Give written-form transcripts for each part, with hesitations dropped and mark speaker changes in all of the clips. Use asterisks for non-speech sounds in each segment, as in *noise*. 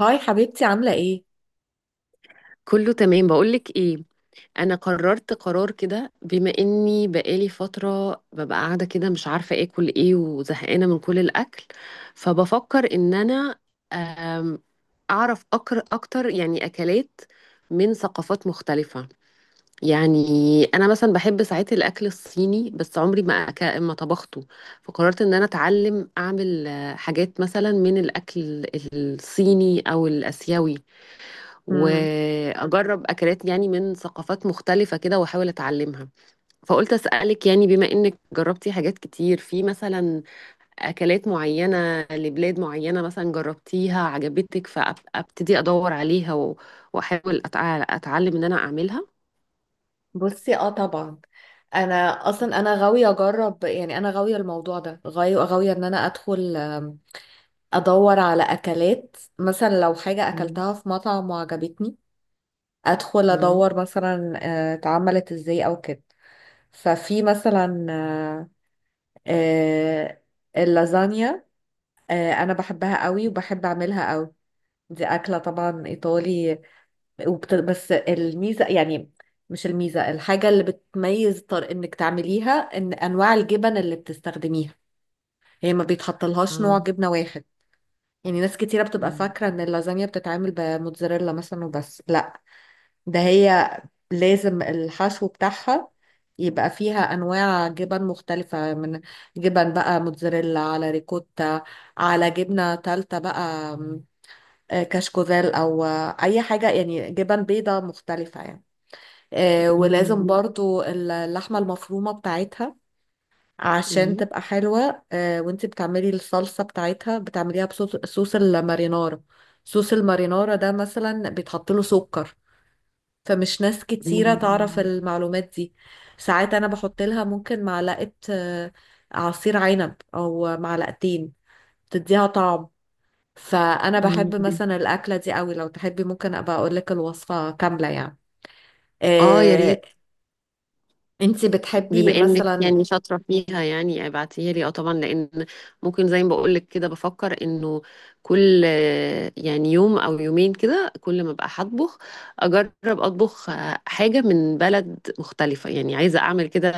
Speaker 1: هاي حبيبتي، عاملة ايه؟
Speaker 2: كله تمام، بقولك ايه. انا قررت قرار كده. بما اني بقالي فترة ببقى قاعدة كده، مش عارفة اكل ايه وزهقانة من كل الاكل، فبفكر ان انا أم، اعرف أكر اكتر، يعني اكلات من ثقافات مختلفة. يعني انا مثلا بحب ساعات الاكل الصيني، بس عمري ما طبخته. فقررت ان انا اتعلم اعمل حاجات مثلا من الاكل الصيني او الاسيوي،
Speaker 1: مم.
Speaker 2: واجرب اكلات يعني من ثقافات مختلفه كده واحاول اتعلمها. فقلت اسالك، يعني بما انك جربتي حاجات كتير في، مثلا اكلات معينه لبلاد معينه، مثلا جربتيها عجبتك، فابتدي ادور عليها واحاول اتعلم ان انا اعملها.
Speaker 1: بصي اه طبعا. انا اصلا انا غاوية اجرب، يعني انا غاوية الموضوع ده، غاوية ان انا ادخل ادور على اكلات، مثلا لو حاجة
Speaker 2: مم.
Speaker 1: اكلتها في مطعم وعجبتني، ادخل
Speaker 2: مم.
Speaker 1: ادور مثلا اتعملت ازاي او كده. ففي مثلا آه، اللازانيا، انا بحبها قوي وبحب اعملها قوي. دي اكلة طبعا ايطالي. بس الميزة، يعني مش الميزة، الحاجة اللي بتميز طر انك تعمليها ان انواع الجبن اللي بتستخدميها، هي ما بيتحطلهاش نوع
Speaker 2: آه.
Speaker 1: جبنة واحد. يعني ناس كتيرة بتبقى
Speaker 2: مم.
Speaker 1: فاكرة ان اللازانيا بتتعمل بموتزاريلا مثلا وبس، لا. ده هي لازم الحشو بتاعها يبقى فيها انواع جبن مختلفة، من جبن بقى موتزاريلا على ريكوتا على جبنة تالتة بقى، آم، آه، كشكوزيل، او اي حاجة يعني جبن بيضة مختلفة يعني. ولازم
Speaker 2: مم.
Speaker 1: برضو اللحمة المفرومة بتاعتها عشان
Speaker 2: مم.
Speaker 1: تبقى حلوة. وانتي بتعملي الصلصة بتاعتها بتعمليها بصوص المارينارا. صوص المارينارا ده مثلا بيتحط له سكر، فمش ناس كتيرة تعرف
Speaker 2: مم.
Speaker 1: المعلومات دي. ساعات انا بحط لها ممكن معلقة عصير عنب او معلقتين، تديها طعم. فانا
Speaker 2: مم.
Speaker 1: بحب مثلا الاكلة دي قوي. لو تحبي ممكن ابقى اقول لك الوصفة كاملة يعني.
Speaker 2: اه، يا
Speaker 1: آه،
Speaker 2: ريت.
Speaker 1: انتي
Speaker 2: بما
Speaker 1: بتحبي
Speaker 2: انك
Speaker 1: مثلا.
Speaker 2: يعني شاطره فيها، يعني ابعتيها لي. اه طبعا، لان ممكن زي ما بقول لك كده، بفكر انه كل يعني يوم او يومين كده، كل ما ابقى هطبخ اجرب اطبخ حاجه من بلد مختلفه. يعني عايزه اعمل كده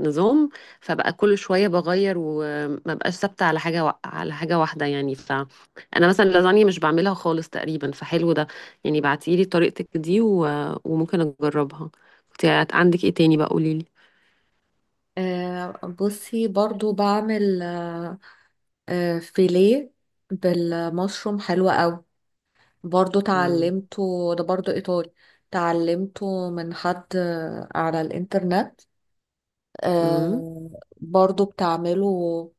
Speaker 2: نظام، فبقى كل شويه بغير، وما بقاش ثابته على حاجه واحده. يعني فانا مثلا اللازانيا مش بعملها خالص تقريبا، فحلو ده يعني. بعتيلي طريقتك دي وممكن اجربها. كنت عندك ايه تاني بقى؟ قوليلي.
Speaker 1: آه، بصي برضو بعمل فيليه بالمشروم، حلو قوي. برضو تعلمته، ده برضو ايطالي، تعلمته من حد على الانترنت.
Speaker 2: امم
Speaker 1: آه، برضو بتعمله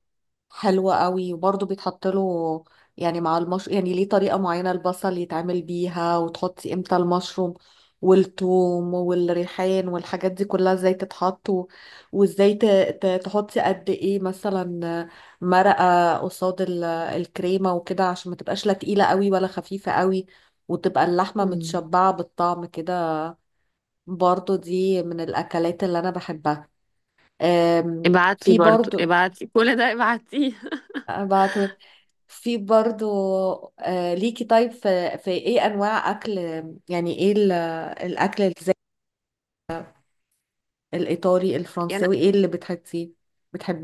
Speaker 1: حلوة قوي، وبرضه بيتحط له، يعني مع المشروم يعني، ليه طريقة معينة البصل يتعمل بيها، وتحطي امتى المشروم والثوم والريحان، والحاجات دي كلها ازاي تتحط وازاي تحطي قد ايه مثلا مرقة قصاد الكريمة وكده، عشان ما تبقاش لا تقيلة قوي ولا خفيفة قوي، وتبقى اللحمة
Speaker 2: امم
Speaker 1: متشبعة بالطعم كده. برضه دي من الأكلات اللي أنا بحبها.
Speaker 2: ابعتي
Speaker 1: في
Speaker 2: برضو،
Speaker 1: برضه.
Speaker 2: ابعتي كل ده، ابعتيه.
Speaker 1: ابعته. في برضو ليكي. طيب في، ايه انواع اكل، يعني ايه الاكل الزي الايطالي
Speaker 2: *laughs* يعني
Speaker 1: الفرنساوي، ايه اللي بتحبيه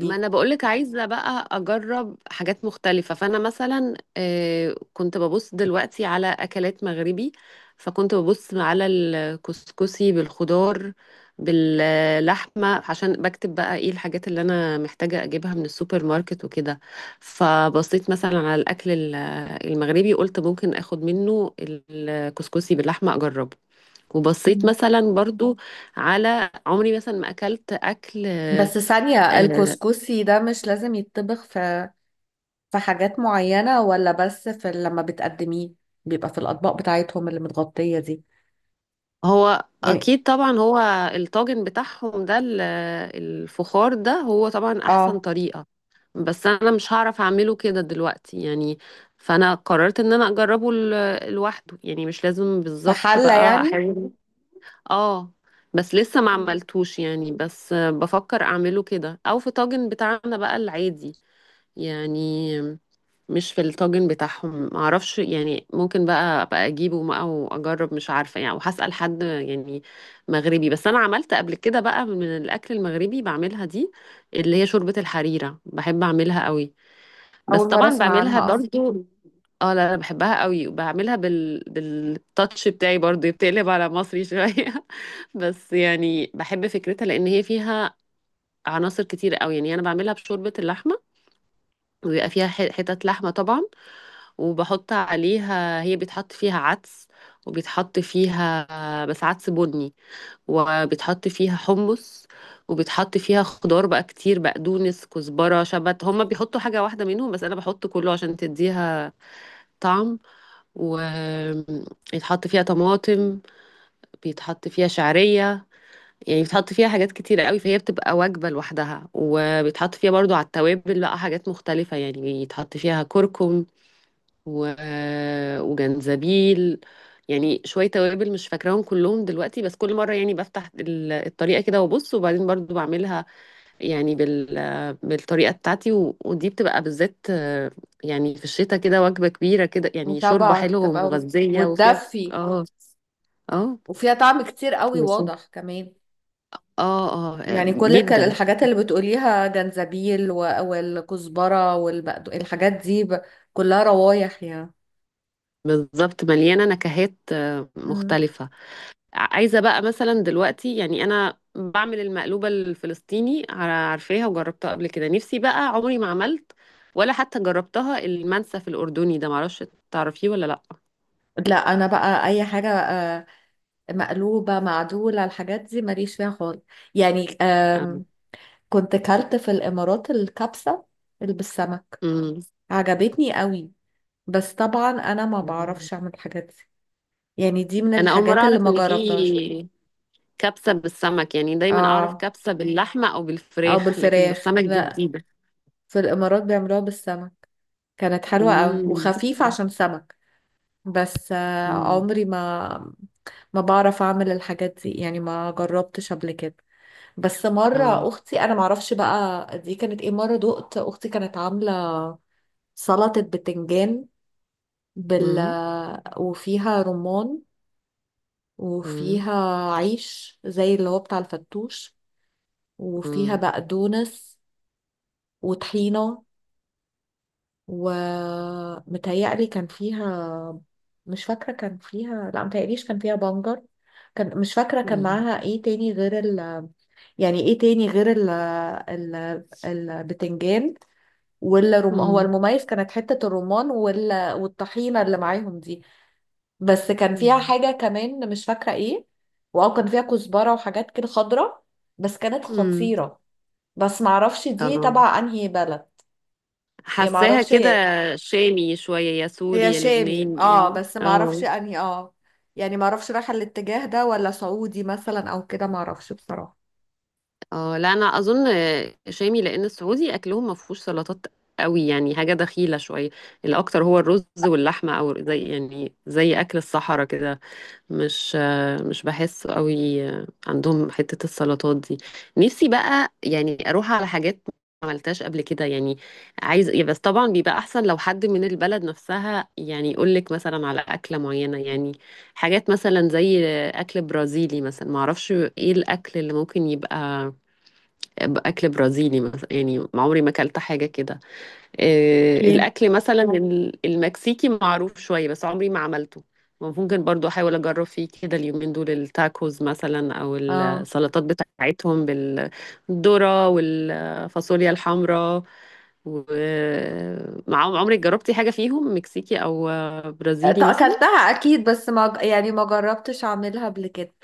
Speaker 2: ما انا بقولك عايزه بقى اجرب حاجات مختلفه. فانا مثلا كنت ببص دلوقتي على اكلات مغربي. فكنت ببص على الكسكسي بالخضار باللحمه، عشان بكتب بقى ايه الحاجات اللي انا محتاجه اجيبها من السوبر ماركت وكده. فبصيت مثلا على الاكل المغربي، قلت ممكن اخد منه الكسكسي باللحمه اجربه. وبصيت
Speaker 1: مم.
Speaker 2: مثلا برضو على عمري مثلا ما اكلت اكل
Speaker 1: بس ثانية،
Speaker 2: آه،
Speaker 1: الكسكسي ده مش لازم يتطبخ في في حاجات معينة، ولا بس في لما بتقدميه بيبقى في الأطباق بتاعتهم اللي متغطية دي
Speaker 2: هو
Speaker 1: يعني؟
Speaker 2: اكيد طبعا. هو الطاجن بتاعهم ده الفخار ده، هو طبعا احسن
Speaker 1: اه،
Speaker 2: طريقة، بس انا مش هعرف اعمله كده دلوقتي يعني. فانا قررت ان انا اجربه لوحده، يعني مش لازم
Speaker 1: في
Speaker 2: بالظبط
Speaker 1: حلة
Speaker 2: بقى،
Speaker 1: يعني.
Speaker 2: احاول. اه، بس لسه ما
Speaker 1: مم.
Speaker 2: عملتوش يعني. بس بفكر اعمله كده، او في طاجن بتاعنا بقى العادي، يعني مش في الطاجن بتاعهم، معرفش. يعني ممكن بقى ابقى اجيبه بقى واجرب، مش عارفه يعني، وهسأل حد يعني مغربي. بس انا عملت قبل كده بقى من الاكل المغربي، بعملها دي اللي هي شوربه الحريره، بحب اعملها قوي، بس
Speaker 1: أول مرة
Speaker 2: طبعا
Speaker 1: أسمع
Speaker 2: بعملها
Speaker 1: عنها أصلا.
Speaker 2: برضو. اه، لا لا، بحبها قوي، وبعملها بالتاتش بتاعي برضو، بتقلب على مصري شويه. *laughs* بس يعني بحب فكرتها، لان هي فيها عناصر كتير قوي. يعني انا بعملها بشوربه اللحمه، ويبقى فيها حتت لحمه طبعا، وبحط عليها. هي بيتحط فيها عدس، وبيتحط فيها بس عدس بني، وبيتحط فيها حمص، وبيتحط فيها خضار بقى كتير: بقدونس، كزبرة، شبت. هما بيحطوا حاجة واحدة منهم، بس أنا بحط كله عشان تديها طعم. ويتحط فيها طماطم، بيتحط فيها شعرية، يعني بيتحط فيها حاجات كتيرة قوي، فهي بتبقى وجبة لوحدها. وبيتحط فيها برضو على التوابل بقى حاجات مختلفة، يعني بيتحط فيها كركم و... وجنزبيل. يعني شوية توابل مش فاكراهم كلهم دلوقتي، بس كل مرة يعني بفتح الطريقة كده وابص، وبعدين برضو بعملها يعني بالطريقة بتاعتي. ودي بتبقى بالذات يعني في الشتاء كده، وجبة كبيرة كده، يعني شوربة
Speaker 1: طبعا
Speaker 2: حلوة
Speaker 1: تبقى
Speaker 2: ومغذية وفيها.
Speaker 1: وتدفي،
Speaker 2: اه. اه.
Speaker 1: وفيها طعم كتير قوي
Speaker 2: بس اه.
Speaker 1: واضح كمان،
Speaker 2: اه.
Speaker 1: يعني كل
Speaker 2: جدا،
Speaker 1: الحاجات اللي بتقوليها، جنزبيل والكزبرة والبقدونس، الحاجات دي كلها روايح يعني.
Speaker 2: بالظبط، مليانة نكهات
Speaker 1: مم.
Speaker 2: مختلفة. عايزة بقى مثلا دلوقتي، يعني أنا بعمل المقلوبة الفلسطيني، عارفاها وجربتها قبل كده. نفسي بقى، عمري ما عملت ولا حتى جربتها، المنسف الأردني ده، معرفش، تعرفيه ولا لأ؟
Speaker 1: لا انا بقى اي حاجة، مقلوبة معدولة، الحاجات دي ماليش فيها خالص يعني.
Speaker 2: أم.
Speaker 1: كنت كلت في الامارات الكبسة اللي بالسمك، عجبتني قوي. بس طبعا انا ما
Speaker 2: أم.
Speaker 1: بعرفش اعمل الحاجات دي، يعني دي من
Speaker 2: أنا أول مرة
Speaker 1: الحاجات اللي
Speaker 2: أعرف
Speaker 1: ما
Speaker 2: إن
Speaker 1: جربتهاش.
Speaker 2: في كبسة بالسمك. يعني دايما أعرف
Speaker 1: اه،
Speaker 2: كبسة باللحمة أو
Speaker 1: او
Speaker 2: بالفراخ، لكن
Speaker 1: بالفراخ،
Speaker 2: بالسمك دي
Speaker 1: لا،
Speaker 2: جديدة.
Speaker 1: في الإمارات بيعملوها بالسمك. كانت حلوة قوي
Speaker 2: أم.
Speaker 1: وخفيفة عشان سمك. بس
Speaker 2: أم.
Speaker 1: عمري ما، ما بعرف أعمل الحاجات دي يعني، ما جربتش قبل كده. بس مرة
Speaker 2: آه.
Speaker 1: أختي، أنا معرفش بقى دي كانت إيه، مرة دقت أختي كانت عاملة سلطة بتنجان بال،
Speaker 2: أم.
Speaker 1: وفيها رمان،
Speaker 2: أم.
Speaker 1: وفيها عيش زي اللي هو بتاع الفتوش، وفيها
Speaker 2: أم.
Speaker 1: بقدونس وطحينة، ومتهيألي كان فيها، مش فاكرة كان فيها، لا متهيأليش كان فيها بنجر، كان، مش فاكرة كان
Speaker 2: أم.
Speaker 1: معاها ايه تاني غير ال، يعني ايه تاني غير ال، ال، البتنجان والرم هو المميز، كانت حتة الرمان وال... والطحينة اللي معاهم دي. بس كان فيها
Speaker 2: أم.
Speaker 1: حاجة كمان مش فاكرة ايه. واو، كان فيها كزبرة وحاجات كده خضرة. بس كانت
Speaker 2: أم.
Speaker 1: خطيرة. بس معرفش دي
Speaker 2: آه.
Speaker 1: تبع انهي بلد، يعني
Speaker 2: حاساها
Speaker 1: معرفش.
Speaker 2: كده شامي شوية، يا سوري
Speaker 1: هي
Speaker 2: يا
Speaker 1: شامي
Speaker 2: لبناني
Speaker 1: اه،
Speaker 2: يعني.
Speaker 1: بس ما اعرفش
Speaker 2: اه.
Speaker 1: انهي، اه يعني ما اعرفش رايحه الاتجاه ده ولا سعودي مثلا او كده، ما اعرفش بصراحه.
Speaker 2: اه، لا، انا اظن شامي، لان السعودي اكلهم ما فيهوش سلطات قوي يعني، حاجة دخيلة شوية. الاكتر هو الرز واللحمة، او زي يعني زي اكل الصحراء كده. مش مش بحس قوي عندهم حتة السلطات دي. نفسي بقى يعني اروح على حاجات ما عملتهاش قبل كده. يعني عايز يا، بس طبعا بيبقى احسن لو حد من البلد نفسها يعني يقول لك مثلا على اكلة معينة. يعني حاجات مثلا زي اكل برازيلي مثلا، ما اعرفش ايه الاكل اللي ممكن يبقى اكل برازيلي مثلا، يعني ما عمري ما اكلت حاجة كده.
Speaker 1: اوكي.
Speaker 2: الأكل مثلا المكسيكي معروف شوية، بس عمري ما عملته. ممكن برضو أحاول أجرب فيه كده اليومين دول، التاكوز مثلا أو
Speaker 1: اه
Speaker 2: السلطات بتاعتهم بالذرة والفاصوليا الحمراء. ومعاهم، عمرك جربتي حاجة فيهم مكسيكي أو برازيلي مثلا؟
Speaker 1: اكلتها اكيد، بس ما، يعني ما جربتش اعملها قبل كده.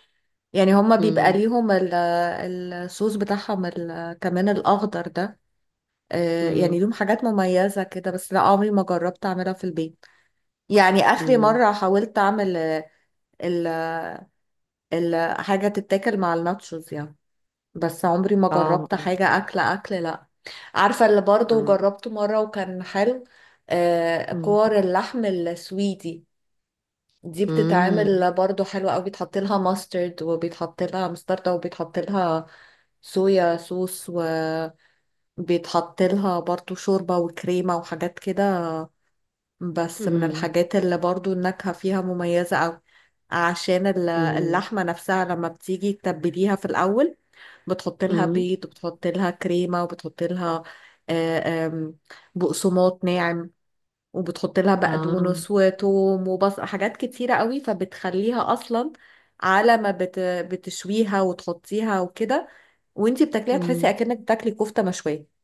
Speaker 1: يعني هما بيبقى
Speaker 2: مم.
Speaker 1: ليهم الصوص بتاعهم كمان الاخضر ده. يعني
Speaker 2: مم.
Speaker 1: ليهم حاجات مميزه كده، بس لا عمري ما جربت اعملها في البيت. يعني اخري
Speaker 2: مم.
Speaker 1: مره حاولت اعمل ال ال حاجه تتاكل مع الناتشوز يعني. بس عمري ما
Speaker 2: آه.
Speaker 1: جربت حاجة أكل أكل لأ. عارفة اللي برضو
Speaker 2: آه.
Speaker 1: جربته مرة وكان حلو؟ آه
Speaker 2: مم.
Speaker 1: كور اللحم السويدي. دي
Speaker 2: مم.
Speaker 1: بتتعمل برضو حلوة أوي، بيتحط لها ماسترد، وبيتحط لها مستردة، وبيتحط لها صويا صوص، وبيتحط لها برضو شوربة وكريمة وحاجات كده. بس من
Speaker 2: مم.
Speaker 1: الحاجات اللي برضو النكهة فيها مميزة أوي، عشان
Speaker 2: مم.
Speaker 1: اللحمة نفسها لما بتيجي تتبليها في الأول، بتحط لها
Speaker 2: مم.
Speaker 1: بيض، وبتحط لها كريمة، وبتحط لها آه، آم، بقسماط ناعم، وبتحط لها
Speaker 2: آه.
Speaker 1: بقدونس وتوم وبصل، حاجات كتيرة قوي، فبتخليها أصلا على ما بتشويها وتحطيها وكده. وانتي بتاكليها تحسي
Speaker 2: مم.
Speaker 1: أكنك بتاكلي كفتة مشوية.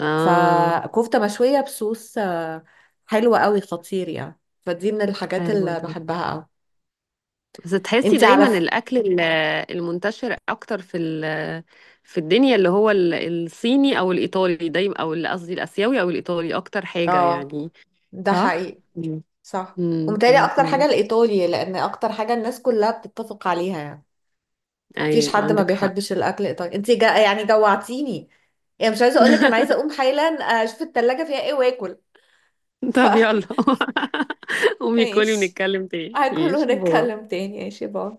Speaker 2: آه.
Speaker 1: فكفتة مشوية بصوص حلوة قوي، خطير يعني، فدي من الحاجات
Speaker 2: حلو
Speaker 1: اللي
Speaker 2: ده.
Speaker 1: بحبها قوي.
Speaker 2: بس تحسي
Speaker 1: انت
Speaker 2: دايما
Speaker 1: عارف.
Speaker 2: الاكل المنتشر اكتر في الدنيا، اللي هو الصيني او الايطالي دايما، او قصدي الاسيوي او الايطالي اكتر حاجة
Speaker 1: اه،
Speaker 2: يعني.
Speaker 1: ده
Speaker 2: صح.
Speaker 1: حقيقي.
Speaker 2: مم.
Speaker 1: صح،
Speaker 2: مم.
Speaker 1: ومتهيألي
Speaker 2: مم.
Speaker 1: اكتر حاجة
Speaker 2: مم.
Speaker 1: الايطالي، لان اكتر حاجة الناس كلها بتتفق عليها يعني، مفيش
Speaker 2: ايوه،
Speaker 1: حد ما
Speaker 2: عندك حق.
Speaker 1: بيحبش الاكل الايطالي. انت جا يعني جوعتيني، يعني مش عايزة اقولك انا عايزة
Speaker 2: *laughs*
Speaker 1: اقوم حالا اشوف التلاجة فيها ايه واكل. ف
Speaker 2: طب
Speaker 1: *laughs*
Speaker 2: يلا. *laughs* قومي كلي
Speaker 1: ماشي،
Speaker 2: ونتكلم تاني.
Speaker 1: هاكل
Speaker 2: ماشي، باي.
Speaker 1: ونتكلم تاني. ماشي، باي.